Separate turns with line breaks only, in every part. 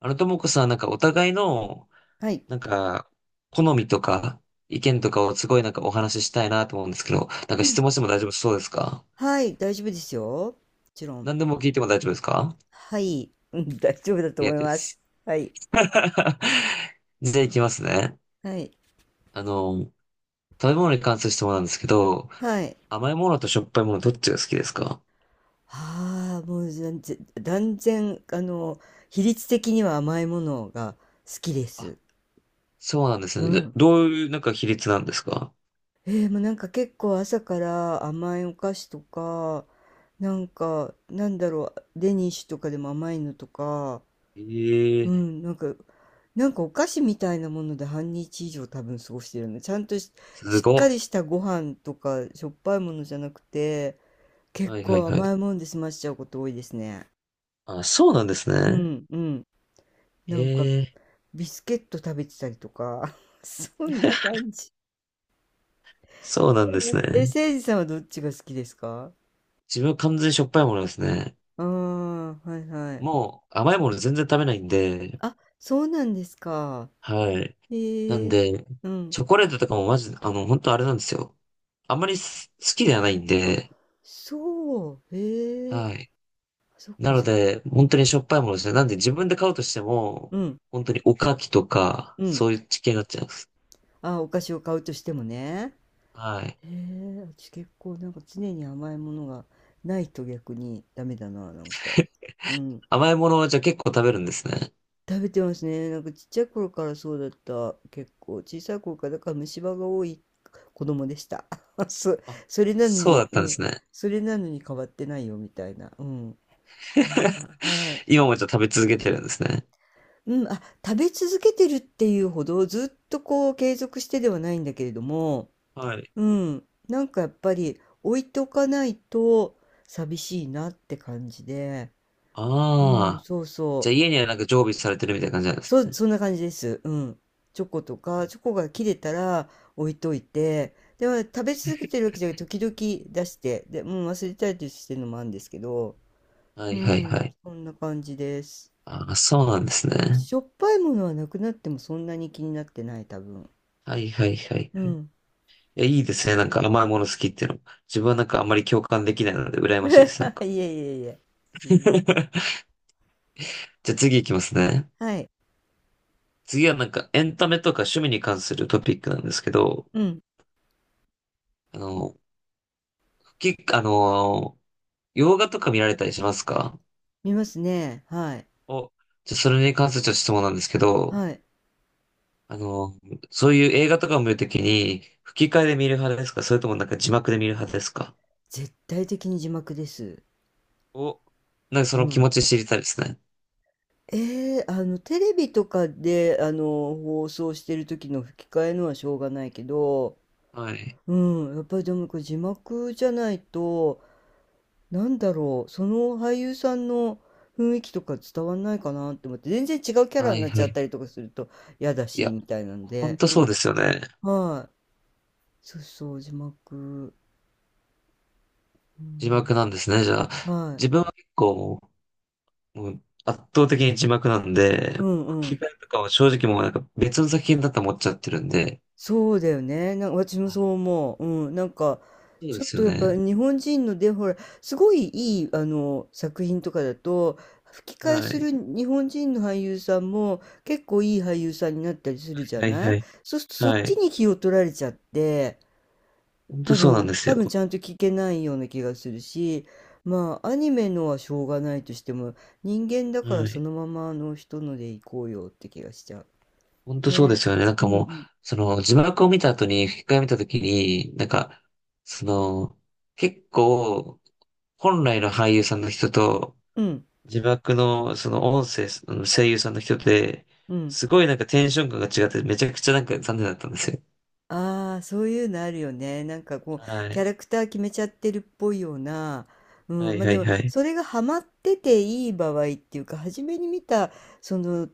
ともこさん、お互いの、
はい。
なんか、好みとか、意見とかをすごいお話ししたいなと思うんですけど、なんか
うん。
質問しても大丈夫そうですか？
はい、大丈夫ですよ。もちろん。
何でも聞いても大丈夫ですか？
はい。うん、大丈夫だと
いや
思い
で
ます。
す。
はい。
じゃあいきますね。
はい。
あの、食べ物に関する質問なんですけど、
はい。
甘いものとしょっぱいものどっちが好きですか？
ああ、もう全然、断然、比率的には甘いものが好きで
あ、
す。
そうなんで
う
すね。で
ん。
どういうなんか比率なんですか？
もうなんか結構朝から甘いお菓子とか、なんか、なんだろう、デニッシュとかでも甘いのとか、う
ええ、
ん、なんか、なんかお菓子みたいなもので半日以上多分過ごしてるの。ちゃんとし、
す
しっ
ご
かりし
っ。
たご飯とかしょっぱいものじゃなくて、結
はいはい
構
はい。
甘いもんで済ましちゃうこと多いですね。
あ、そうなんです
う
ね。
ん、うん。なんか、
ええ、
ビスケット食べてたりとか、そんな感じ。
そうなんです
え
ね。
せいじさんはどっちが好きですか？
自分は完全にしょっぱいものですね。
ああー、はいはい。
もう甘いもの全然食べないんで、
あ、そうなんですか？
はい。な
へ
ん
え、
で、
うん。
チョコレートとかもマジ、本当あれなんですよ。あんまり好きではないん
あ、
で、
そう、へえ、
はい。
そっ
な
か
の
そっか。
で、
う
本
ん
当にしょっぱいものですね。なんで自分で買うとしても、
うん、
本当におかきとか、
うん。
そういう地形になっちゃいます。
あ、お菓子を買うとしてもね。
はい。
へえ、私結構なんか常に甘いものがないと逆にダメだな、なんか。うん。
甘いものはじゃあ結構食べるんですね。
食べてますね。なんかちっちゃい頃からそうだった。結構小さい頃から、だから虫歯が多い子供でした。そ、
あ、
それなの
そうだ
に、
っ
う
たんで
ん。
すね。
それなのに変わってないよみたいな。うん。なんか、はい。
今もじゃあ食べ続けてるんですね。
うん、食べ続けてるっていうほどずっとこう継続してではないんだけれども、
はい。
うん、なんかやっぱり置いておかないと寂しいなって感じで、う
あ
ん、
あ。
そう
じゃ
そ
あ
う、
家にはなんか常備されてるみたいな感じなんです
そんな感じです。うん。チョコとか、チョコが切れたら置いといて、でも食べ続けてるわけじゃなくて、時々出して、で、うん、忘れたりしてるのもあるんですけど、
ね。は
う
いはいは
ん、
い。
そんな感じです。
ああ、そうなんです
うん、
ね。
しょっぱいものはなくなってもそんなに気になってない、多分。
はいはいはい
う
はい。
ん。
え、いいですね。なんか甘いもの好きっていうの。自分はなんかあんまり共感できないので羨
い
ましいです。なん
え
か。
いえいえ。う ん。
じゃあ次行きますね。
はい。
次はなんかエンタメとか趣味に関するトピックなんですけど、
うん、
あの、き、あの、洋画とか見られたりしますか？
見ますね。はい。
お、じゃあそれに関するちょっと質問なんですけど、
はい。
あの、そういう映画とかを見るときに吹き替えで見る派ですか？それともなんか字幕で見る派ですか？
絶対的に字幕です。
お、なんかそ
う
の気
ん。
持ち知りたいですね。
テレビとかで、放送してる時の吹き替えのはしょうがないけど、
はい。
うん、やっぱりでもこれ字幕じゃないと、なんだろう、その俳優さんの雰囲気とか伝わんないかなって思って、全然違うキャラ
は
に
い
なっち
は
ゃっ
い。
たりとかすると嫌だ
い
し、
や、
みたいなん
ほん
で、
と
う
そう
ん、
ですよね。
はい。そうそう、字幕。う
字
ん、
幕なんですね、じゃあ。
は
自
い。
分は結構もう圧倒的に字幕なんで、
うんう
吹
ん。
き替えとかは正直もうなんか別の作品だと思っちゃってるんで。
そうだよね。なんか私も
は
そ
い、
う思う。うん。なんか、
そう
ち
で
ょっ
す
と
よ
やっぱ
ね。
日本人ので、ほら、すごいいい、作品とかだと、吹き替え
は
す
い。
る日本人の俳優さんも結構いい俳優さんになったりするじゃ
はい
な
は
い？
い。
そうするとそ
は
っち
い。
に気を取られちゃって、
ほんと
多
そうなん
分、
です
多
よ。
分ちゃんと聞けないような気がするし、まあ、アニメのはしょうがないとしても、人間だから
は
そ
い。
のままあの人ので行こうよって気がしちゃう。
ほんとそうで
ね。
すよね。なん
う
かもう、
ん
その字幕を見た後に吹き替えを見た時に、なんか、その、結構、本来の俳優さんの人と、
うん。うん。
字幕のその音声、あの声優さんの人で、
うん。
すごいなんかテンション感が違って、めちゃくちゃなんか残念だったんですよ。
ああ、そういうのあるよね。なんかこ
は
う、キャ
い。
ラクター決めちゃってるっぽいような。う
は
ん、
い
まあ
は
で
い
も、
はい。
それがハマってていい場合っていうか、初めに見たその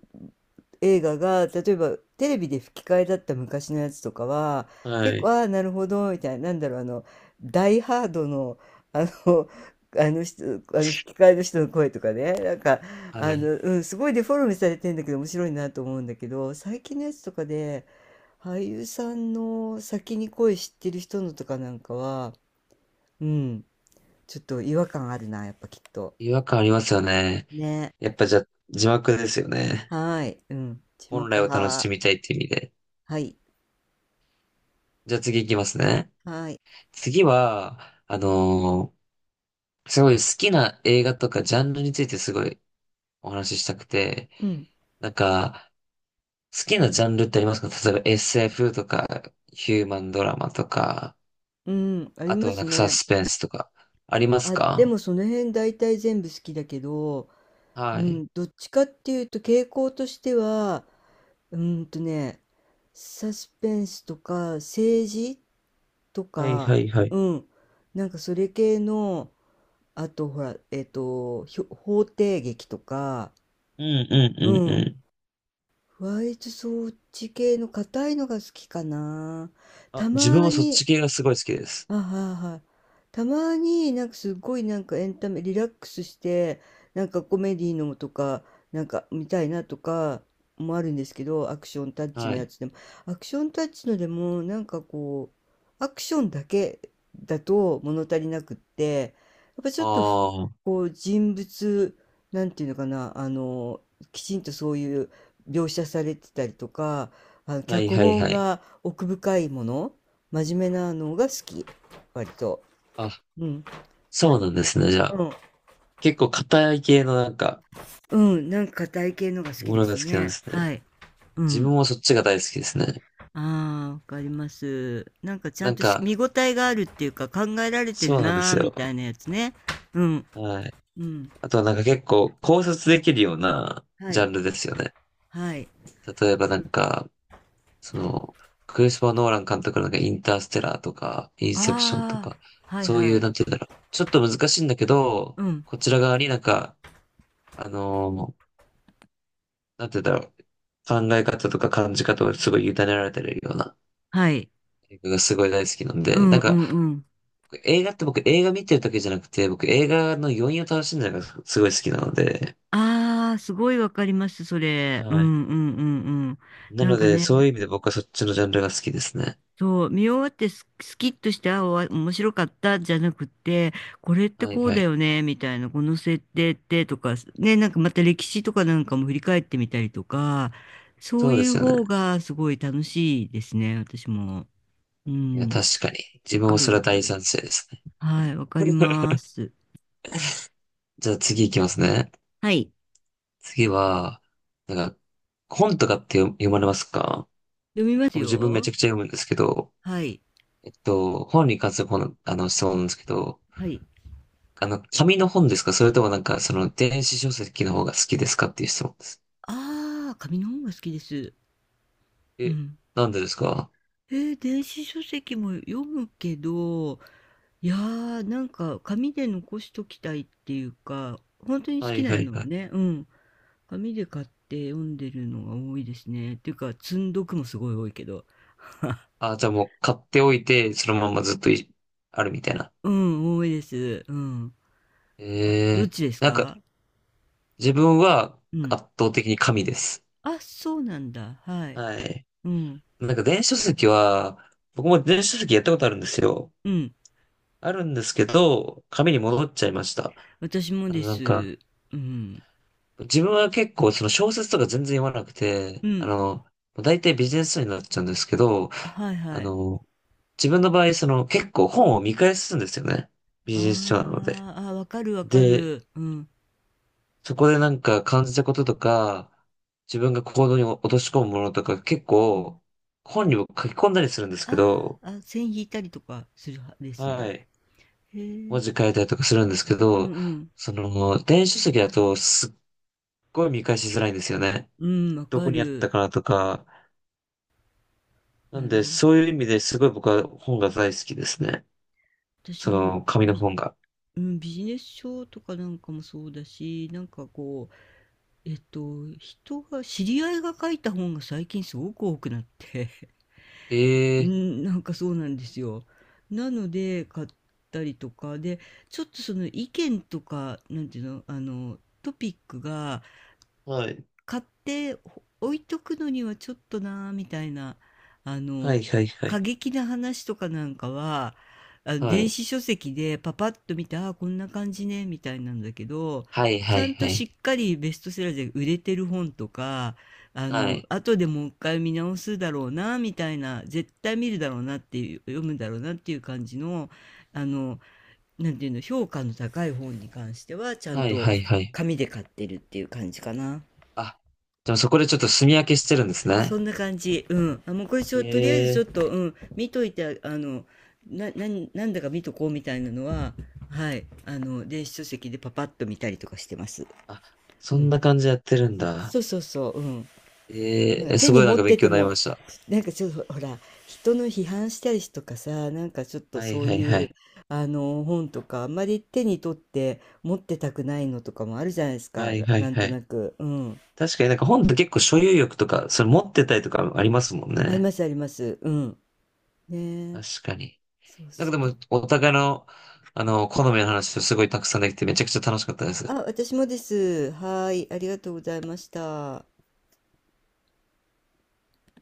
映画が、例えばテレビで吹き替えだった昔のやつとかは、
は
結構、
い。
ああ、なるほど、みたいな、なんだろう、ダイハードの、あの、あの人、あの吹き替えの人の声とかね、なんか、
はい。
うん、すごいデフォルメされてんだけど、面白いなと思うんだけど、最近のやつとかで、俳優さんの先に声知ってる人のとかなんかは、うん、ちょっと違和感あるな、やっぱきっと。
違和感ありますよね。
ね。
やっぱじゃあ、字幕ですよね。
はい。うん。字
本
幕
来を楽し
派。
みたいっていう意味で。
はい。
じゃあ次行きますね。
はい。
次は、あのーすごい好きな映画とかジャンルについてすごいお話ししたくて、
うん。
なんか、好きなジャンルってありますか？例えば SF とか、ヒューマンドラマとか、
うん。あり
あと
ま
はな
す
んかサ
ね。
スペンスとか、あります
あ、で
か？
もその辺大体全部好きだけど、
は
う
い。
ん、どっちかっていうと傾向としては、うーんとね、サスペンスとか政治と
はい
か、
はいはい。
うん、なんかそれ系のあと、ほら、法廷劇とか、
うんうん
う
うん
ん。
うん。
割ワイト装置系の硬いのが好きかな。た
あ、自分
ま
はそっち
に、
系がすごい好きです。
あ、はいはい。たまになんかすごいなんかエンタメリラックスしてなんかコメディのとかなんか見たいなとかもあるんですけど、アクションタッチの
は
や
い。
つでもアクションタッチのでもなんかこうアクションだけだと物足りなくって、やっぱちょ
あ
っとふ
あ、は
こう人物なんていうのかな、あのきちんとそういう描写されてたりとか、あの
い
脚
はい
本
はい。
が奥深いもの、真面目なのが好き。割と。
あ、
うん。は
そう
い。
なんですね。じゃあ、
うん。
結構硬い系のなんか、
うん、なんか硬い系のが好き
も
で
のが
す
好きなん
ね。
ですね。
はい。う
自
ん。
分もそっちが大好きですね。
ああ、わかります。なんかちゃ
な
ん
ん
とし見
か、
応えがあるっていうか、考えられて
そ
る
うなんで
な
す
ーみ
よ。
たいなやつね。うん。
はい。
うん。
あとはなんか結構考察できるような
は
ジャ
い。
ンルですよね。
はい。
例えばなんか、その、クリスパー・ノーラン監督のなんかインターステラーとか、インセプションと
ああ、
か、
はい
そう
は
いう、
い。
なんて言うんだろう。ちょっと難しいんだけど、
うん。
こちら側になんか、あのーなんて言うんだろう。考え方とか感じ方をすごい委ねられてるような
はい。
映画がすごい大好きなん
う
で、
ん
なん
う
か、
んうん。
映画って僕映画見てるだけじゃなくて、僕映画の余韻を楽しんでるのがすごい好きなので、
ああ、すごいわかります、それ。う
はい。
んうんうんうん。
な
なん
の
か
で、
ね、
そういう意味で僕はそっちのジャンルが好きですね。
そう、見終わってスキッとして、あ、面白かったじゃなくて、これって
はい
こう
は
だ
い。
よね、みたいな、この設定ってとか、ね、なんかまた歴史とかなんかも振り返ってみたりとか、そ
そ
う
う
い
で
う
すよね。
方がすごい楽しいですね、私も。う
いや、
ん、
確かに。自
わ
分も
かる
そ
わ
れは
か
大
る。
賛成ですね。
はい、わかります。
じゃあ次行きますね。
はい、
次は、なんか、本とかって読まれますか？
読みます
僕自分めちゃ
よ。
くちゃ読むんですけど、
はい、
えっと、本に関する本、質問なんですけど、
はい。
紙の本ですか？それともなんか、その、電子書籍の方が好きですかっていう質問です。
ああ、紙の本が好きです。う
え、
ん。
なんでですか？
電子書籍も読むけど、いやー、なんか紙で残しときたいっていうか、本当に好
は
き
いは
な
い
の
は
は
い。
ね、うん、紙で買って読んでるのが多いですね。っていうか、積読もすごい多いけど。
あ、じゃあもう買っておいて、そのままずっとあるみたいな。
うん、多いです。うん。あ、どっ
えー、
ちです
なんか、
か？
自分は
うん。
圧倒的に紙です。
あ、そうなんだ。はい。
はい。
うん。
なんか電子書籍は、僕も電子書籍やったことあるんですよ。
うん。
あるんですけど、紙に戻っちゃいました。
私も
あ
で
の、なんか、
す。うん。
自分は結構その小説とか全然読まなくて、
うん。
大体ビジネス書になっちゃうんですけど、
あ、はい
あ
はい。
の、自分の場合その結構本を見返すんですよね。ビジネス書なので。
ああ、あ、わかるわか
で、
る。うん。
そこでなんか感じたこととか、自分が行動に落とし込むものとか結
うん。
構本にも書き込んだりするんですけ
あ
ど、
あ、あ、線引いたりとかする派です
は
ね。
い。文
へえ。
字変えたりとかするんですけ
う
ど、
ん
その、電子書籍だとすっごい見返しづらいんですよね。
うん。うん、わ
ど
か
こにあった
る。
かなとか。な
な
ん
る
で、
ほ
そう
ど。
いう意味ですごい僕は本が大好きですね。
私
そ
も
の、紙の本が。
うん、ビジネス書とかなんかもそうだし、なんかこう、人が、知り合いが書いた本が最近すごく多くなって、う
ええ、
ん、なんかそうなんですよ。なので、買ったりとか、で、ちょっとその意見とか、なんていうの、トピックが、
はい。
買って置いとくのにはちょっとなあみたいな、あ
は
の、
いはいは
過
い。
激な話とかなんかは、
は
電
い。
子書籍でパパッと見て、ああ、こんな感じね、みたいなんだけど、
はい
ち
は
ゃ
い
ん
は
とし
い。
っかりベストセラーで売れてる本とか、
はい。
後でもう一回見直すだろうな、みたいな、絶対見るだろうなっていう、読むだろうなっていう感じの、あの、なんていうの、評価の高い本に関しては、ちゃん
はい
と
はいはい。
紙で買ってるっていう感じかな。
あ、でもそこでちょっと墨分けしてるんです
そ
ね。
んな感じ。うん。あ、もうこれちょ、とりあえずちょっ
ええ、
と、うん、見といて、なんだか見とこうみたいなのは、はい、電子書籍でパパッと見たりとかしてます。
あ、
う
そん
ん。
な感じやってるんだ。
そうそうそう、うん。なん
え
か
え、
手
す
に
ごいな
持
ん
っ
か勉
てて
強になり
も、
ました。
なんかちょっと、ほら、人の批判したりとかさ、なんかちょっと
はい
そう
はいは
いう、
い。
本とか、あんまり手に取って持ってたくないのとかもあるじゃないです
は
か。
い
な
はい
なん
は
と
い。
なく。うん。
確かになんか本って結構所有欲とか、それ持ってたりとかありますもん
あり
ね。
ますあります。うん。ねえ。
確かに。
そう
なんか
そ
で
う。
も、お互いの、あの、好みの話をすごいたくさんできてめちゃくちゃ楽しかったです。
あ、私もです。はい、ありがとうございました。